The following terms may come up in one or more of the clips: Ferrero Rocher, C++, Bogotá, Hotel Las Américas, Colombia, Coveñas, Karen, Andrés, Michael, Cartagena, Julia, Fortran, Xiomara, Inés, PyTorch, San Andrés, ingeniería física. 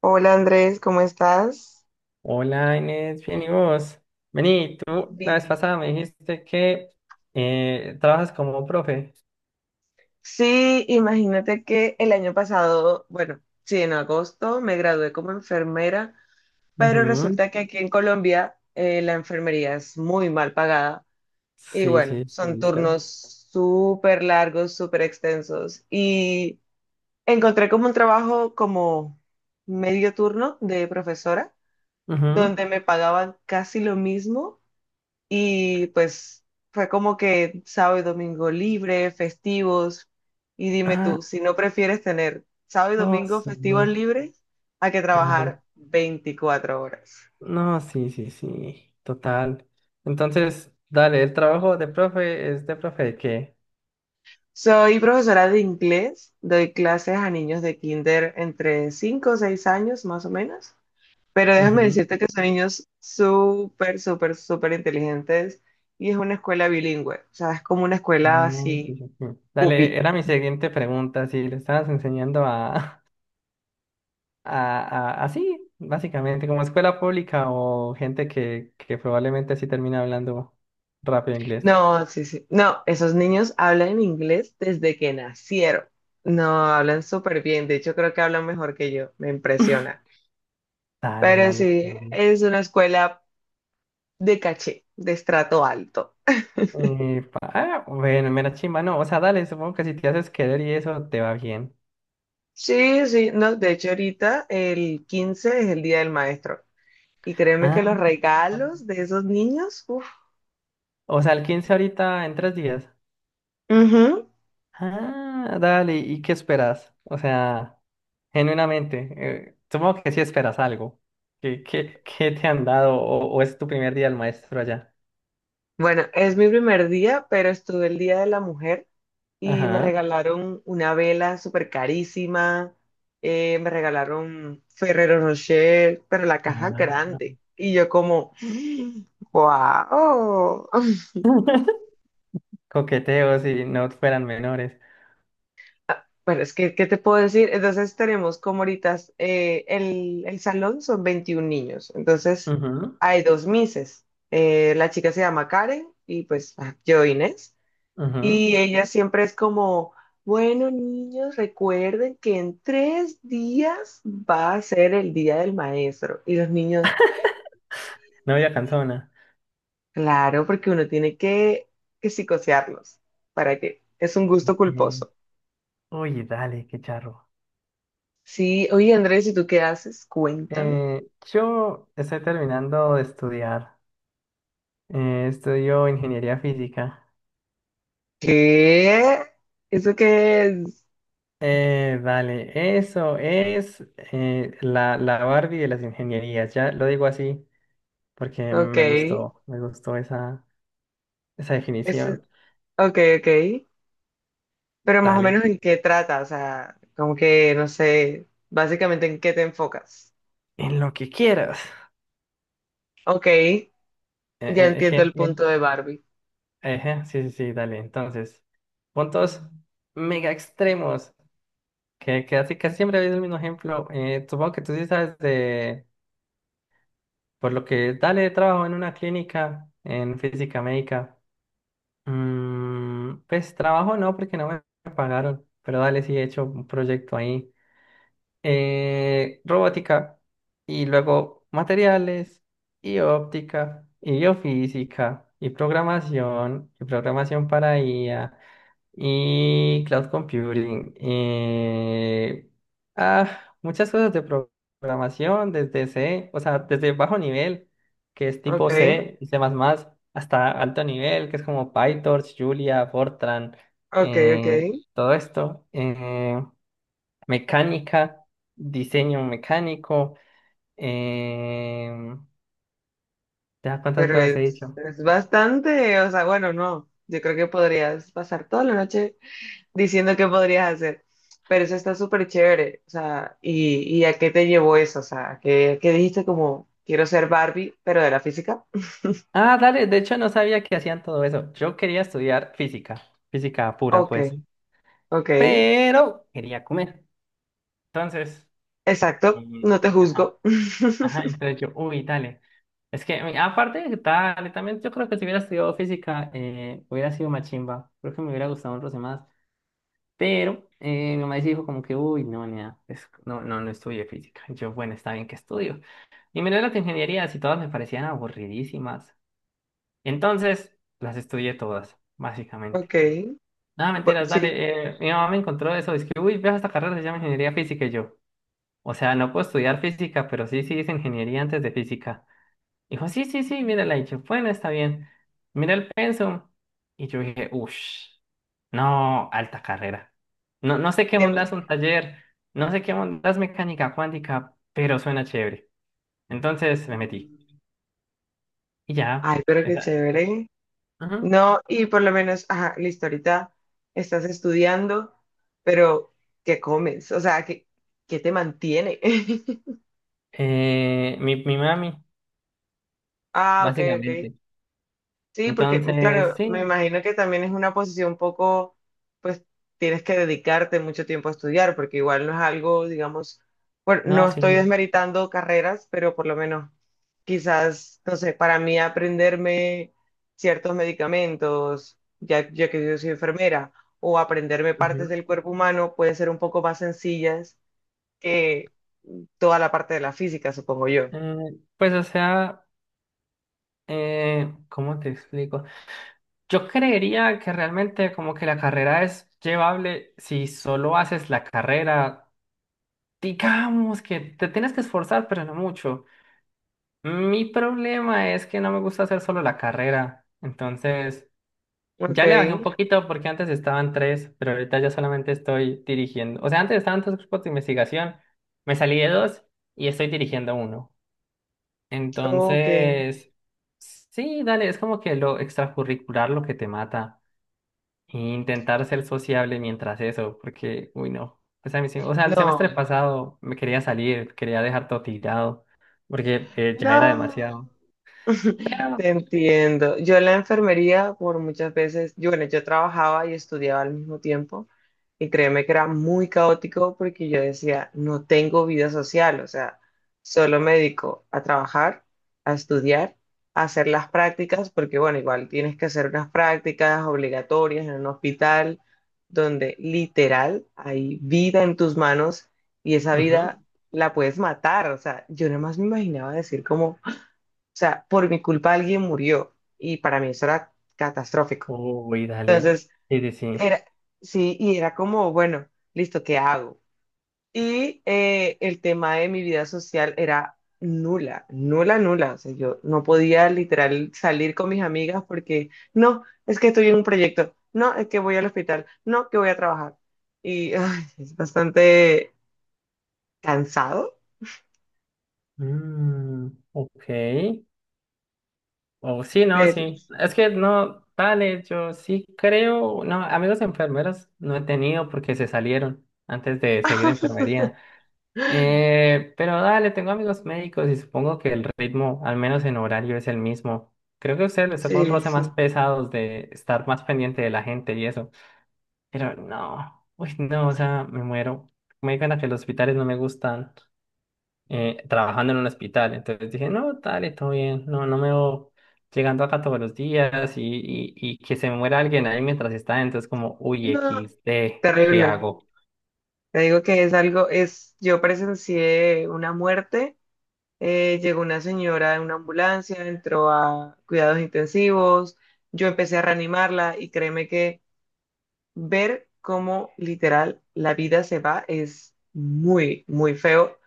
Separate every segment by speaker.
Speaker 1: Hola Andrés, ¿cómo estás?
Speaker 2: Hola Inés, bien y vos. Vení, tú la vez
Speaker 1: Bien.
Speaker 2: pasada me dijiste que trabajas como profe.
Speaker 1: Sí, imagínate que el año pasado, bueno, sí, en agosto me gradué como enfermera, pero
Speaker 2: Ujú.
Speaker 1: resulta que aquí en Colombia la enfermería es muy mal pagada y
Speaker 2: Sí,
Speaker 1: bueno,
Speaker 2: sí, sí,
Speaker 1: son turnos
Speaker 2: listo.
Speaker 1: súper largos, súper extensos y encontré como un trabajo como medio turno de profesora,
Speaker 2: Ujú.
Speaker 1: donde me pagaban casi lo mismo. Y pues fue como que sábado y domingo libre, festivos. Y dime
Speaker 2: Ah,
Speaker 1: tú, si no prefieres tener sábado y
Speaker 2: no,
Speaker 1: domingo
Speaker 2: sí,
Speaker 1: festivos libres, a que
Speaker 2: claro.
Speaker 1: trabajar 24 horas.
Speaker 2: No, sí, sí, sí, total. Entonces, dale, el trabajo de profe es de profe de qué?
Speaker 1: Soy profesora de inglés, doy clases a niños de kinder entre 5 o 6 años más o menos, pero déjame
Speaker 2: Ujú.
Speaker 1: decirte que son niños súper, súper, súper inteligentes y es una escuela bilingüe, o sea, es como una escuela
Speaker 2: Ah, sí,
Speaker 1: así,
Speaker 2: sí, sí. Dale,
Speaker 1: pupi.
Speaker 2: era mi siguiente pregunta, si le estabas enseñando a, así, básicamente, como escuela pública o gente que probablemente sí termina hablando rápido inglés.
Speaker 1: No, sí, sí. No, esos niños hablan inglés desde que nacieron. No, hablan súper bien. De hecho, creo que hablan mejor que yo. Me impresiona.
Speaker 2: Dale,
Speaker 1: Pero
Speaker 2: dale,
Speaker 1: sí,
Speaker 2: chévere.
Speaker 1: es una escuela de caché, de estrato alto.
Speaker 2: Epa, ah, bueno, mera chimba, no, o sea, dale, supongo que si te haces querer y eso te va bien.
Speaker 1: Sí, sí. No, de hecho, ahorita el 15 es el Día del Maestro. Y créeme que los
Speaker 2: Ah,
Speaker 1: regalos de esos niños, uff.
Speaker 2: o sea, el 15 ahorita en tres días. Ah, dale, ¿y qué esperas? O sea, genuinamente, supongo que sí esperas algo. ¿Qué, qué, qué te han dado o es tu primer día del maestro allá?
Speaker 1: Bueno, es mi primer día, pero estuve el Día de la Mujer y me
Speaker 2: Ajá.
Speaker 1: regalaron una vela súper carísima, me regalaron Ferrero Rocher, pero la caja
Speaker 2: Ah.
Speaker 1: grande. Y yo como, wow.
Speaker 2: Coqueteos y no fueran menores.
Speaker 1: Bueno, es que, ¿qué te puedo decir? Entonces tenemos como ahorita el salón son 21 niños, entonces
Speaker 2: Ujú,
Speaker 1: hay dos mises. La chica se llama Karen y pues ah, yo Inés.
Speaker 2: ujú.
Speaker 1: Y ella siempre es como, bueno, niños, recuerden que en tres días va a ser el día del maestro. Y los niños,
Speaker 2: Novia canzona.
Speaker 1: claro, porque uno tiene que psicosearlos. ¿Para qué? Es un gusto
Speaker 2: Eh,
Speaker 1: culposo.
Speaker 2: uy, dale, qué charro.
Speaker 1: Sí, oye, Andrés, ¿y tú qué haces? Cuéntame.
Speaker 2: Yo estoy terminando de estudiar. Estudio ingeniería física.
Speaker 1: ¿Qué? ¿Eso qué es?
Speaker 2: Dale, eso es la Barbie de las ingenierías. Ya lo digo así porque
Speaker 1: Ok.
Speaker 2: me gustó esa, esa
Speaker 1: Eso,
Speaker 2: definición.
Speaker 1: ok, ok. Pero más o
Speaker 2: Dale,
Speaker 1: menos en qué trata, o sea, como que, no sé, básicamente en qué te enfocas.
Speaker 2: en lo que quieras.
Speaker 1: Ok. Ya
Speaker 2: Eh, eh,
Speaker 1: entiendo el punto
Speaker 2: gen-
Speaker 1: de Barbie.
Speaker 2: Ejé, sí, sí, sí, dale. Entonces, puntos mega extremos, que así casi siempre habéis el mismo ejemplo. Supongo que tú sí sabes de, por lo que dale trabajo en una clínica en física médica. Mm, pues trabajo no, porque no me pagaron, pero dale, sí he hecho un proyecto ahí. Robótica, y luego materiales, y óptica, y biofísica, y programación para IA y cloud computing. Muchas cosas de programación, desde C, o sea, desde bajo nivel, que es
Speaker 1: Ok,
Speaker 2: tipo C, C++, hasta alto nivel, que es como PyTorch, Julia, Fortran,
Speaker 1: ok, ok.
Speaker 2: eh, todo esto. Mecánica, diseño mecánico. Eh, ¿Ya cuántas
Speaker 1: Pero
Speaker 2: cosas he dicho?
Speaker 1: es bastante, o sea, bueno, no. Yo creo que podrías pasar toda la noche diciendo qué podrías hacer. Pero eso está súper chévere. O sea, y a qué te llevó eso? O sea, a qué dijiste como quiero ser Barbie, pero de la física?
Speaker 2: Ah, dale, de hecho no sabía que hacían todo eso. Yo quería estudiar física, física pura,
Speaker 1: Ok,
Speaker 2: pues.
Speaker 1: ok.
Speaker 2: Pero quería comer. Entonces,
Speaker 1: Exacto.
Speaker 2: mm,
Speaker 1: No te
Speaker 2: ajá,
Speaker 1: juzgo.
Speaker 2: ajá, entonces yo, uy, dale. Es que mm, aparte de que dale, también yo creo que si hubiera estudiado física, hubiera sido más chimba. Creo que me hubiera gustado otros demás. Pero mi mamá sí dijo como que, uy, no, nea, no, no, no estudié física. Y yo, bueno, está bien que estudio. Y miré las ingenierías y todas me parecían aburridísimas. Entonces, las estudié todas, básicamente.
Speaker 1: Ok.
Speaker 2: Nada,
Speaker 1: bu-
Speaker 2: mentiras,
Speaker 1: sí,
Speaker 2: dale. Mi mamá me encontró eso, es que, uy, veo esta carrera, se llama ingeniería física y yo. O sea, no puedo estudiar física, pero sí, sí hice ingeniería antes de física. Dijo, sí, sí, sí, mírala. Y yo, bueno, está bien. Mira el pensum. Y yo dije, uff, no, alta carrera. No, no sé qué
Speaker 1: tiene-
Speaker 2: mondas un taller, no sé qué mondas mecánica cuántica, pero suena chévere. Entonces me metí. Y ya.
Speaker 1: Ay, pero qué
Speaker 2: Esa...
Speaker 1: chévere.
Speaker 2: ajá.
Speaker 1: No, y por lo menos, ajá, listo, ahorita estás estudiando, pero ¿qué comes? O sea, ¿qué, qué te mantiene?
Speaker 2: Mi mami,
Speaker 1: Ah, ok, ok.
Speaker 2: básicamente.
Speaker 1: Sí, porque mm, claro,
Speaker 2: Entonces,
Speaker 1: me
Speaker 2: sí,
Speaker 1: imagino que también es una posición un poco, pues tienes que dedicarte mucho tiempo a estudiar, porque igual no es algo, digamos, bueno,
Speaker 2: no,
Speaker 1: no estoy
Speaker 2: sí.
Speaker 1: desmeritando carreras, pero por lo menos quizás, no sé, para mí aprenderme ciertos medicamentos, ya que yo soy enfermera, o aprenderme partes
Speaker 2: Ujú.
Speaker 1: del cuerpo humano pueden ser un poco más sencillas que toda la parte de la física, supongo yo.
Speaker 2: Eh, pues, o sea, ¿cómo te explico? Yo creería que realmente como que la carrera es llevable si solo haces la carrera, digamos que te tienes que esforzar, pero no mucho. Mi problema es que no me gusta hacer solo la carrera, entonces
Speaker 1: Ok,
Speaker 2: ya le bajé un poquito porque antes estaban tres, pero ahorita ya solamente estoy dirigiendo. O sea, antes estaban tres grupos de investigación, me salí de dos y estoy dirigiendo uno.
Speaker 1: ok.
Speaker 2: Entonces, sí, dale, es como que lo extracurricular lo que te mata. E intentar ser sociable mientras eso, porque, uy, no. Pues a mí sí, o sea, el
Speaker 1: No,
Speaker 2: semestre pasado me quería salir, quería dejar todo tirado, porque ya era
Speaker 1: no.
Speaker 2: demasiado. Pero,
Speaker 1: Te entiendo. Yo en la enfermería, por muchas veces, yo, bueno, yo trabajaba y estudiaba al mismo tiempo y créeme que era muy caótico porque yo decía, no tengo vida social, o sea, solo me dedico a trabajar, a estudiar, a hacer las prácticas, porque bueno, igual tienes que hacer unas prácticas obligatorias en un hospital donde literal hay vida en tus manos y esa
Speaker 2: ujú.
Speaker 1: vida la puedes matar, o sea, yo nada más me imaginaba decir como o sea, por mi culpa alguien murió y para mí eso era catastrófico.
Speaker 2: Uy, dale.
Speaker 1: Entonces,
Speaker 2: Sí, sí, sí.
Speaker 1: era, sí, y era como, bueno, listo, ¿qué hago? Y el tema de mi vida social era nula, nula, nula. O sea, yo no podía literal salir con mis amigas porque, no, es que estoy en un proyecto, no, es que voy al hospital, no, que voy a trabajar. Y ay, es bastante cansado,
Speaker 2: Mm, ok. Oh, sí, no,
Speaker 1: pero
Speaker 2: sí. Es que no, dale, yo sí creo. No, amigos enfermeros no he tenido porque se salieron antes de seguir enfermería. Pero dale, tengo amigos médicos y supongo que el ritmo, al menos en horario, es el mismo. Creo que a ustedes les toca un
Speaker 1: sí,
Speaker 2: roce más
Speaker 1: sí.
Speaker 2: pesados de estar más pendiente de la gente y eso. Pero no, uy, no, o sea, me muero. Me digan a que los hospitales no me gustan trabajando en un hospital. Entonces dije, no, dale, todo bien. No, no me voy llegando acá todos los días y, y que se me muera alguien ahí mientras está. Entonces, como, uy,
Speaker 1: No,
Speaker 2: XD, ¿qué
Speaker 1: terrible.
Speaker 2: hago?
Speaker 1: Te digo que es algo, es, yo presencié una muerte, llegó una señora en una ambulancia, entró a cuidados intensivos, yo empecé a reanimarla y créeme que ver cómo literal la vida se va es muy, muy feo,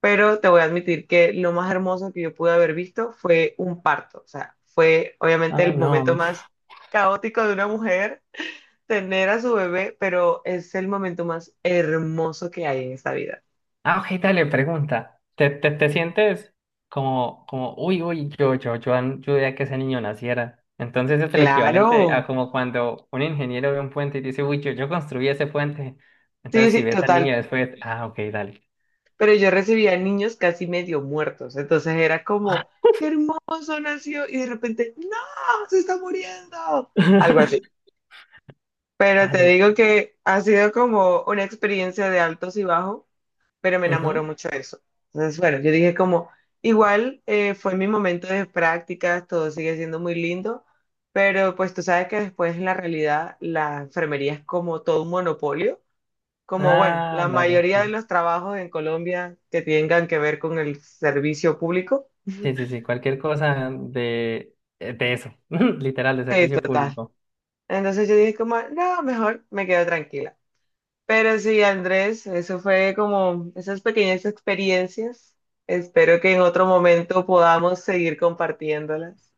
Speaker 1: pero te voy a admitir que lo más hermoso que yo pude haber visto fue un parto, o sea, fue obviamente
Speaker 2: Ay,
Speaker 1: el momento
Speaker 2: no.
Speaker 1: más caótico de una mujer. Tener a su bebé, pero es el momento más hermoso que hay en esta vida.
Speaker 2: Ah, Ojeda dale, pregunta, ¿te, te sientes como, uy, uy, yo, yo ayudé a que ese niño naciera? Entonces es el equivalente
Speaker 1: Claro,
Speaker 2: a como cuando un ingeniero ve un puente y dice, uy, yo construí ese puente.
Speaker 1: sí,
Speaker 2: Entonces si
Speaker 1: sí,
Speaker 2: ves al
Speaker 1: total.
Speaker 2: niño después, ah, ok, dale.
Speaker 1: Pero yo recibía niños casi medio muertos, entonces era como, qué hermoso nació, y de repente, no, se está muriendo, algo así. Pero te
Speaker 2: Dale.
Speaker 1: digo que ha sido como una experiencia de altos y bajos, pero me enamoró
Speaker 2: Ujú.
Speaker 1: mucho de eso. Entonces, bueno, yo dije como, igual fue mi momento de prácticas, todo sigue siendo muy lindo, pero pues tú sabes que después en la realidad la enfermería es como todo un monopolio. Como bueno,
Speaker 2: Ah,
Speaker 1: la
Speaker 2: dale.
Speaker 1: mayoría de
Speaker 2: Sí,
Speaker 1: los trabajos en Colombia que tengan que ver con el servicio público,
Speaker 2: sí, sí, sí, cualquier cosa de eso, literal, de
Speaker 1: sí,
Speaker 2: servicio
Speaker 1: total.
Speaker 2: público.
Speaker 1: Entonces yo dije como, no, mejor me quedo tranquila. Pero sí, Andrés, eso fue como esas pequeñas experiencias. Espero que en otro momento podamos seguir compartiéndolas.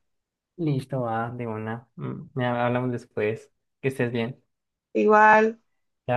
Speaker 2: Listo, va, de una. Mm, ya hablamos después. Que estés bien.
Speaker 1: Igual.
Speaker 2: Chao.